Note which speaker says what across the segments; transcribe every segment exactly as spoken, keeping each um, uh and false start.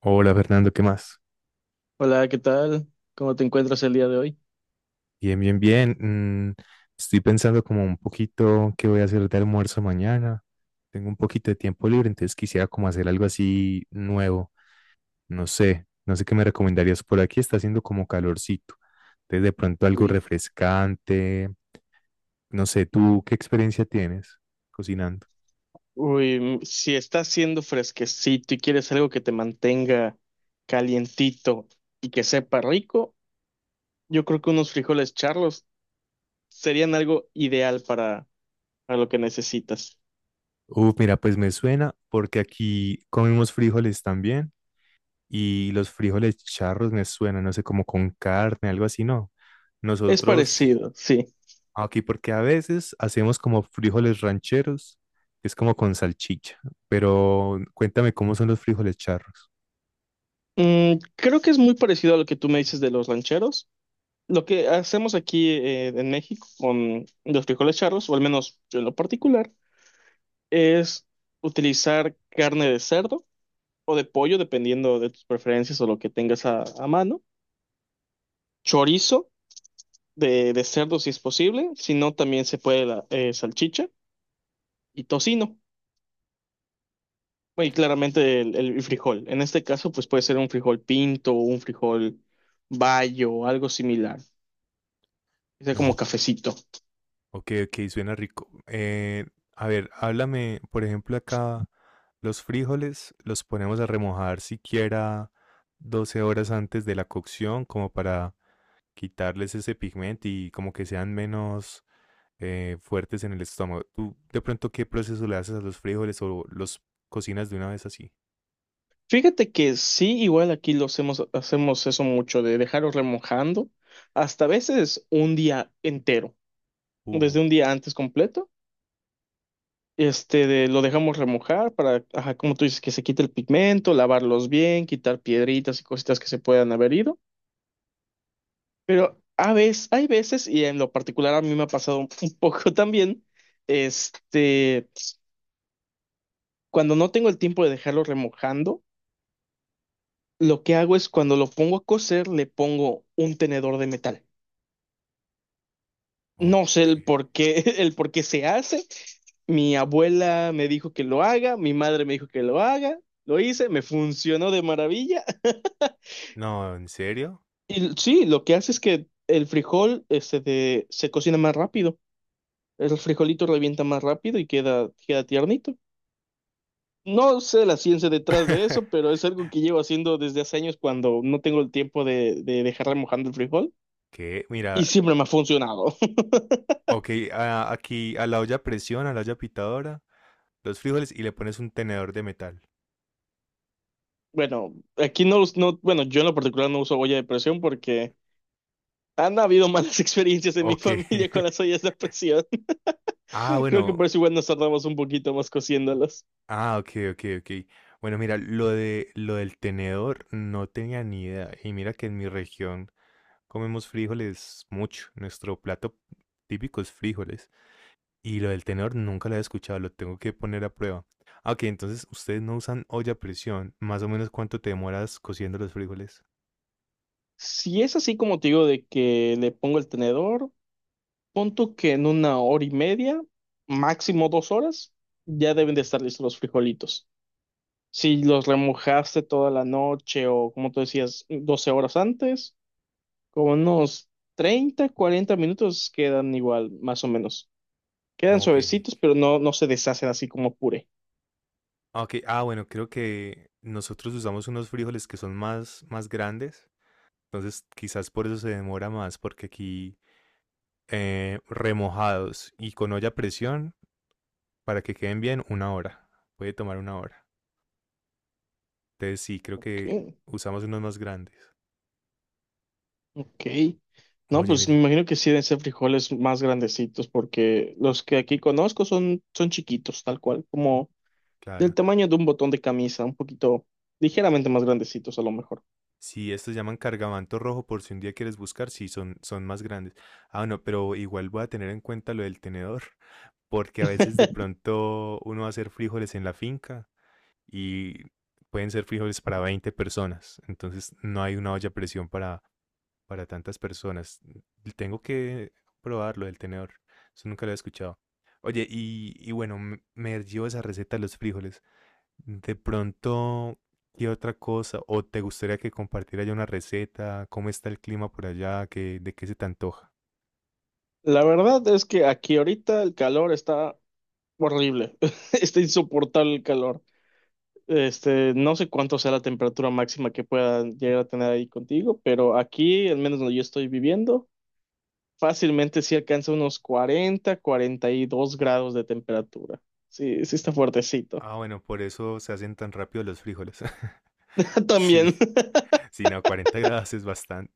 Speaker 1: Hola Fernando, ¿qué más?
Speaker 2: Hola, ¿qué tal? ¿Cómo te encuentras el día de hoy?
Speaker 1: Bien, bien, bien. Mm, estoy pensando como un poquito qué voy a hacer de almuerzo mañana. Tengo un poquito de tiempo libre, entonces quisiera como hacer algo así nuevo. No sé, no sé qué me recomendarías. Por aquí está haciendo como calorcito. Entonces de pronto algo
Speaker 2: Uy,
Speaker 1: refrescante. No sé, ¿tú qué experiencia tienes cocinando?
Speaker 2: uy, mm, si está haciendo fresquecito y quieres algo que te mantenga calientito y que sepa rico, yo creo que unos frijoles charlos serían algo ideal para, para lo que necesitas.
Speaker 1: Uh, mira, pues me suena porque aquí comemos frijoles también y los frijoles charros me suenan, no sé, como con carne, algo así, ¿no?
Speaker 2: Es
Speaker 1: Nosotros
Speaker 2: parecido, sí.
Speaker 1: aquí, porque a veces hacemos como frijoles rancheros, que es como con salchicha, pero cuéntame cómo son los frijoles charros.
Speaker 2: Mm, creo que es muy parecido a lo que tú me dices de los rancheros. Lo que hacemos aquí eh, en México con los frijoles charlos, o al menos yo en lo particular, es utilizar carne de cerdo o de pollo, dependiendo de tus preferencias o lo que tengas a, a mano. Chorizo de, de cerdo si es posible, si no también se puede la eh, salchicha y tocino. Bueno, y claramente el, el frijol. En este caso, pues puede ser un frijol pinto o un frijol bayo o algo similar. Que sea como
Speaker 1: No,
Speaker 2: cafecito.
Speaker 1: ok, ok, suena rico. Eh, a ver, háblame, por ejemplo, acá los frijoles los ponemos a remojar siquiera doce horas antes de la cocción, como para quitarles ese pigmento y como que sean menos eh, fuertes en el estómago. ¿Tú de pronto qué proceso le haces a los frijoles o los cocinas de una vez así?
Speaker 2: Fíjate que sí, igual aquí lo hacemos, hacemos eso mucho, de dejarlo remojando hasta a veces un día entero,
Speaker 1: Uh,
Speaker 2: desde un día antes completo. Este, de- lo dejamos remojar para, ajá, como tú dices, que se quite el pigmento, lavarlos bien, quitar piedritas y cositas que se puedan haber ido. Pero a veces, hay veces, y en lo particular a mí me ha pasado un poco también, este, cuando no tengo el tiempo de dejarlo remojando, lo que hago es cuando lo pongo a cocer, le pongo un tenedor de metal.
Speaker 1: ok.
Speaker 2: No sé el por qué, el por qué se hace. Mi abuela me dijo que lo haga, mi madre me dijo que lo haga, lo hice, me funcionó de maravilla.
Speaker 1: No, ¿en serio?
Speaker 2: Y sí, lo que hace es que el frijol este, de- se cocina más rápido. El frijolito revienta más rápido y queda, queda tiernito. No sé la ciencia detrás de eso, pero es algo que llevo haciendo desde hace años cuando no tengo el tiempo de, de dejar remojando el frijol
Speaker 1: ¿Qué?
Speaker 2: y
Speaker 1: Mira,
Speaker 2: siempre me ha funcionado.
Speaker 1: ok, a- aquí a la olla a presión, a la olla pitadora, los frijoles y le pones un tenedor de metal.
Speaker 2: Bueno, aquí no, us- no, bueno, yo en lo particular no uso olla de presión porque han habido malas experiencias en mi
Speaker 1: Ok.
Speaker 2: familia con las ollas de presión.
Speaker 1: Ah,
Speaker 2: Creo que
Speaker 1: bueno.
Speaker 2: por eso igual nos tardamos un poquito más cociéndolas.
Speaker 1: Ah, ok, ok, ok. Bueno, mira, lo de lo del tenedor no tenía ni idea. Y mira que en mi región comemos frijoles mucho. Nuestro plato típico es frijoles. Y lo del tenedor nunca lo he escuchado, lo tengo que poner a prueba. Ah, ok, entonces ustedes no usan olla a presión. Más o menos cuánto te demoras cociendo los frijoles.
Speaker 2: Si es así como te digo de que le pongo el tenedor, pon tú que en una hora y media, máximo dos horas, ya deben de estar listos los frijolitos. Si los remojaste toda la noche o como tú decías, doce horas antes, como unos treinta, cuarenta minutos quedan igual, más o menos. Quedan
Speaker 1: Ok. Ah,
Speaker 2: suavecitos, pero no, no se deshacen así como puré.
Speaker 1: ok, ah, bueno, creo que nosotros usamos unos frijoles que son más, más grandes. Entonces quizás por eso se demora más, porque aquí eh, remojados y con olla a presión, para que queden bien, una hora. Puede tomar una hora. Entonces sí, creo que
Speaker 2: Ok.
Speaker 1: usamos unos más grandes.
Speaker 2: Ok. No,
Speaker 1: Oye,
Speaker 2: pues me
Speaker 1: mira,
Speaker 2: imagino que sí deben ser frijoles más grandecitos, porque los que aquí conozco son, son chiquitos, tal cual, como del
Speaker 1: claro.
Speaker 2: tamaño de un botón de camisa, un poquito ligeramente más grandecitos a lo mejor.
Speaker 1: Sí, estos llaman cargamanto rojo por si un día quieres buscar, sí, son, son más grandes. Ah, no, pero igual voy a tener en cuenta lo del tenedor, porque a veces de pronto uno va a hacer frijoles en la finca y pueden ser frijoles para veinte personas, entonces no hay una olla a presión para, para tantas personas. Tengo que probar lo del tenedor, eso nunca lo he escuchado. Oye, y, y bueno, me me dio esa receta de los frijoles. De pronto, ¿qué otra cosa? ¿O te gustaría que compartiera yo una receta? ¿Cómo está el clima por allá? ¿Qué, de qué se te antoja?
Speaker 2: La verdad es que aquí ahorita el calor está horrible, está insoportable el calor. Este, no sé cuánto sea la temperatura máxima que pueda llegar a tener ahí contigo, pero aquí, al menos donde yo estoy viviendo, fácilmente sí alcanza unos cuarenta cuarenta y dos grados de temperatura. Sí, sí está fuertecito.
Speaker 1: Ah, bueno, por eso se hacen tan rápido los frijoles. Sí,
Speaker 2: También,
Speaker 1: sí, no, cuarenta grados es bastante.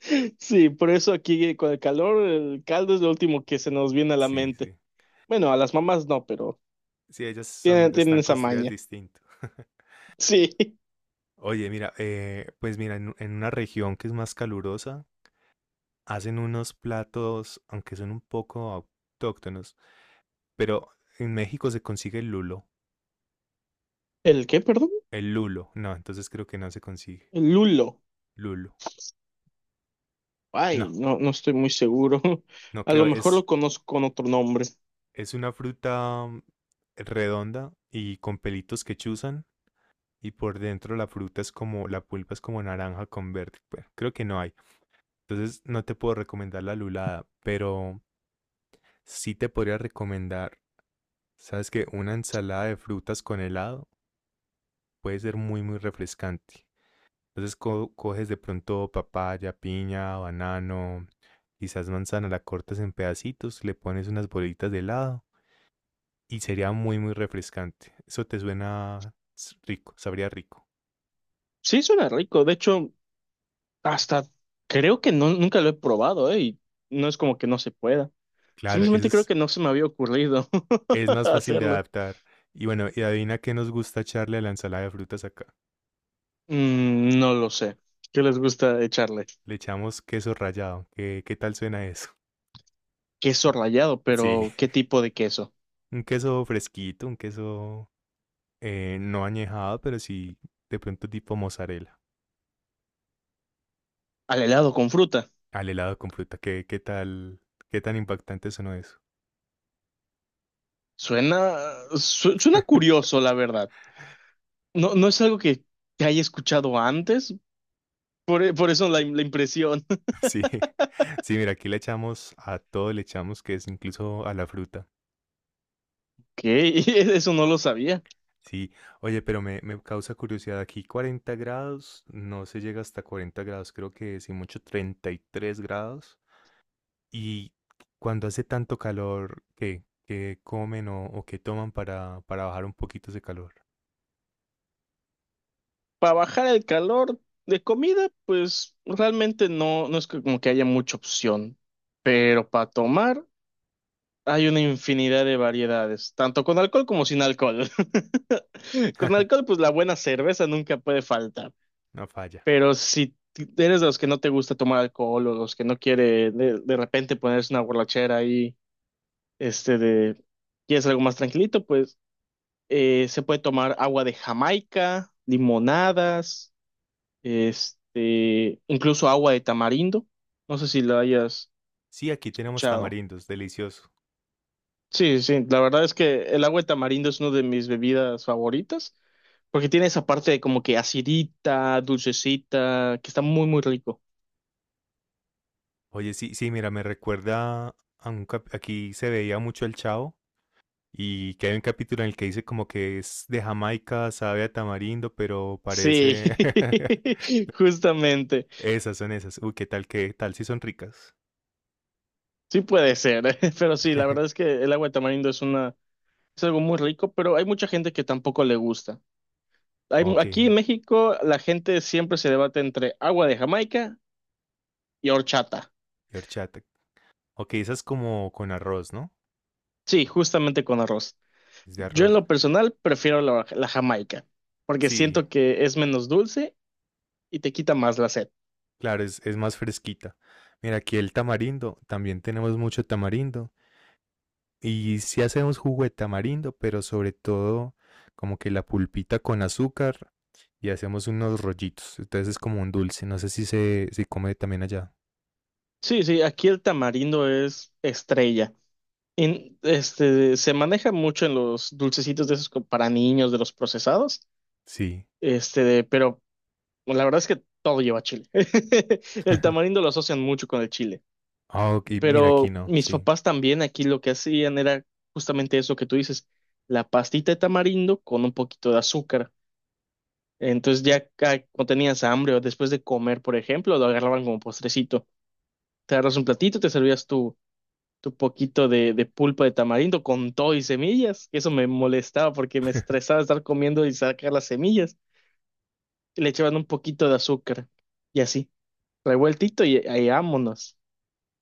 Speaker 2: sí, por eso aquí eh, con el calor, el caldo es lo último que se nos viene a la
Speaker 1: Sí,
Speaker 2: mente.
Speaker 1: sí.
Speaker 2: Bueno, a las mamás no, pero
Speaker 1: Sí, ellas son,
Speaker 2: tienen, tienen
Speaker 1: están
Speaker 2: esa
Speaker 1: construidas
Speaker 2: maña.
Speaker 1: distinto.
Speaker 2: Sí.
Speaker 1: Oye, mira, eh, pues mira, en, en una región que es más calurosa, hacen unos platos, aunque son un poco autóctonos, pero en México se consigue el lulo.
Speaker 2: ¿El qué, perdón?
Speaker 1: El lulo. No, entonces creo que no se consigue.
Speaker 2: El lulo.
Speaker 1: Lulo.
Speaker 2: Ay,
Speaker 1: No,
Speaker 2: no, no estoy muy seguro.
Speaker 1: no
Speaker 2: A lo
Speaker 1: creo.
Speaker 2: mejor
Speaker 1: Es,
Speaker 2: lo conozco con otro nombre.
Speaker 1: es una fruta mm, redonda y con pelitos que chuzan. Y por dentro la fruta es como, la pulpa es como naranja con verde. Bueno, creo que no hay. Entonces no te puedo recomendar la lulada, pero sí te podría recomendar, sabes que una ensalada de frutas con helado puede ser muy, muy refrescante. Entonces co- coges de pronto papaya, piña, banano, quizás manzana, la cortas en pedacitos, le pones unas bolitas de helado y sería muy, muy refrescante. Eso te suena s- rico, sabría rico.
Speaker 2: Sí, suena rico. De hecho, hasta creo que no, nunca lo he probado, ¿eh? Y no es como que no se pueda.
Speaker 1: Claro, eso
Speaker 2: Simplemente creo
Speaker 1: es,
Speaker 2: que no se me había ocurrido
Speaker 1: es más fácil de
Speaker 2: hacerlo.
Speaker 1: adaptar. Y bueno, y adivina qué nos gusta echarle a la ensalada de frutas acá.
Speaker 2: Mm, no lo sé. ¿Qué les gusta echarle?
Speaker 1: Le echamos queso rallado. ¿Qué, qué tal suena eso?
Speaker 2: Queso rallado,
Speaker 1: Sí,
Speaker 2: pero ¿qué tipo de queso?
Speaker 1: un queso fresquito, un queso eh, no añejado, pero sí de pronto tipo mozzarella.
Speaker 2: Al helado con fruta.
Speaker 1: Al helado con fruta, ¿qué, qué tal? ¿Qué tan impactante sonó eso?
Speaker 2: Suena, su- suena curioso, la verdad. No, no es algo que, que haya escuchado antes, por, e- por eso la, la impresión.
Speaker 1: Sí, sí, mira, aquí le echamos a todo, le echamos que es incluso a la fruta.
Speaker 2: Que eso no lo sabía.
Speaker 1: Sí, oye, pero me, me causa curiosidad, aquí cuarenta grados, no se llega hasta cuarenta grados, creo que si mucho treinta y tres grados. Y cuando hace tanto calor, ¿qué, qué comen o, o qué toman para, para bajar un poquito ese calor?
Speaker 2: Para bajar el calor de comida, pues realmente no, no es que- como que haya mucha opción. Pero para tomar... Hay una infinidad de variedades, tanto con alcohol como sin alcohol. Con alcohol, pues la buena cerveza nunca puede faltar.
Speaker 1: No falla.
Speaker 2: Pero si t- eres de los que no te gusta tomar alcohol o los que no quiere de, de repente ponerse una borrachera ahí, este de, quieres algo más tranquilito, pues eh, se puede tomar agua de Jamaica, limonadas, este, incluso agua de tamarindo. No sé si lo hayas
Speaker 1: Sí, aquí tenemos
Speaker 2: escuchado.
Speaker 1: tamarindos, delicioso.
Speaker 2: Sí, sí, sí. La verdad es que el agua de tamarindo es una de mis bebidas favoritas. Porque tiene esa parte de como que acidita, dulcecita, que está muy, muy rico.
Speaker 1: Oye, sí, sí, mira, me recuerda a un cap- aquí se veía mucho el Chavo y que hay un capítulo en el que dice como que es de Jamaica, sabe a tamarindo, pero
Speaker 2: Sí,
Speaker 1: parece
Speaker 2: justamente.
Speaker 1: esas son esas. Uy, qué tal, qué tal si son ricas.
Speaker 2: Sí puede ser, pero sí, la verdad es que el agua de tamarindo es una, es algo muy rico, pero hay mucha gente que tampoco le gusta. Hay, mu-
Speaker 1: Ok, y
Speaker 2: aquí en México la gente siempre se debate entre agua de Jamaica y horchata.
Speaker 1: horchata. Ok, esa es como con arroz, ¿no?
Speaker 2: Sí, justamente con arroz.
Speaker 1: Es de
Speaker 2: Yo en
Speaker 1: arroz.
Speaker 2: lo personal prefiero la, la Jamaica, porque
Speaker 1: Sí,
Speaker 2: siento que es menos dulce y te quita más la sed.
Speaker 1: claro, es, es más fresquita. Mira, aquí el tamarindo, también tenemos mucho tamarindo. Y sí hacemos jugo de tamarindo, pero sobre todo como que la pulpita con azúcar y hacemos unos rollitos. Entonces es como un dulce. No sé si se si come también allá.
Speaker 2: Sí, sí, aquí el tamarindo es estrella. En- este, se maneja mucho en los dulcecitos de esos co- para niños, de los procesados,
Speaker 1: Sí.
Speaker 2: este, pero la verdad es que todo lleva chile. El tamarindo lo asocian mucho con el chile,
Speaker 1: Ah, ok, mira aquí
Speaker 2: pero
Speaker 1: no,
Speaker 2: mis
Speaker 1: sí.
Speaker 2: papás también aquí lo que hacían era justamente eso que tú dices, la pastita de tamarindo con un poquito de azúcar. Entonces ya ca- cuando tenías hambre o después de comer, por ejemplo, lo agarraban como postrecito. Te agarras un platito, te servías tu poquito de, de pulpa de tamarindo con todo y semillas. Eso me molestaba porque me estresaba estar comiendo y sacar las semillas. Y le echaban un poquito de azúcar. Y así, revueltito y, y vámonos.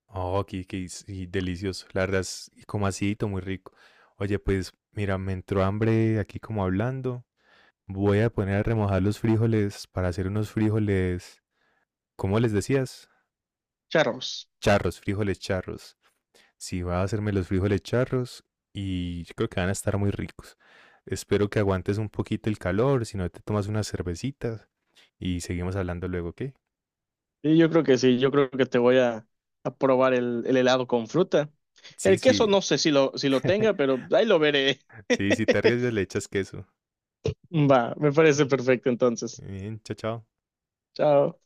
Speaker 1: Oh, aquí, que y delicioso. La verdad es como acidito, muy rico. Oye, pues mira, me entró hambre aquí como hablando. Voy a poner a remojar los frijoles para hacer unos frijoles, ¿cómo les decías?
Speaker 2: Charros.
Speaker 1: Charros, frijoles charros. Sí, va a hacerme los frijoles charros y yo creo que van a estar muy ricos. Espero que aguantes un poquito el calor, si no te tomas unas cervecitas y seguimos hablando luego, ¿ok?
Speaker 2: Y yo creo que sí, yo creo que te voy a, a probar el, el helado con fruta.
Speaker 1: Sí,
Speaker 2: El
Speaker 1: sí.
Speaker 2: queso no sé si lo, si lo tenga, pero ahí lo veré.
Speaker 1: Sí, si te arriesgas le echas queso.
Speaker 2: Va, me parece perfecto entonces.
Speaker 1: Bien, chao, chao.
Speaker 2: Chao.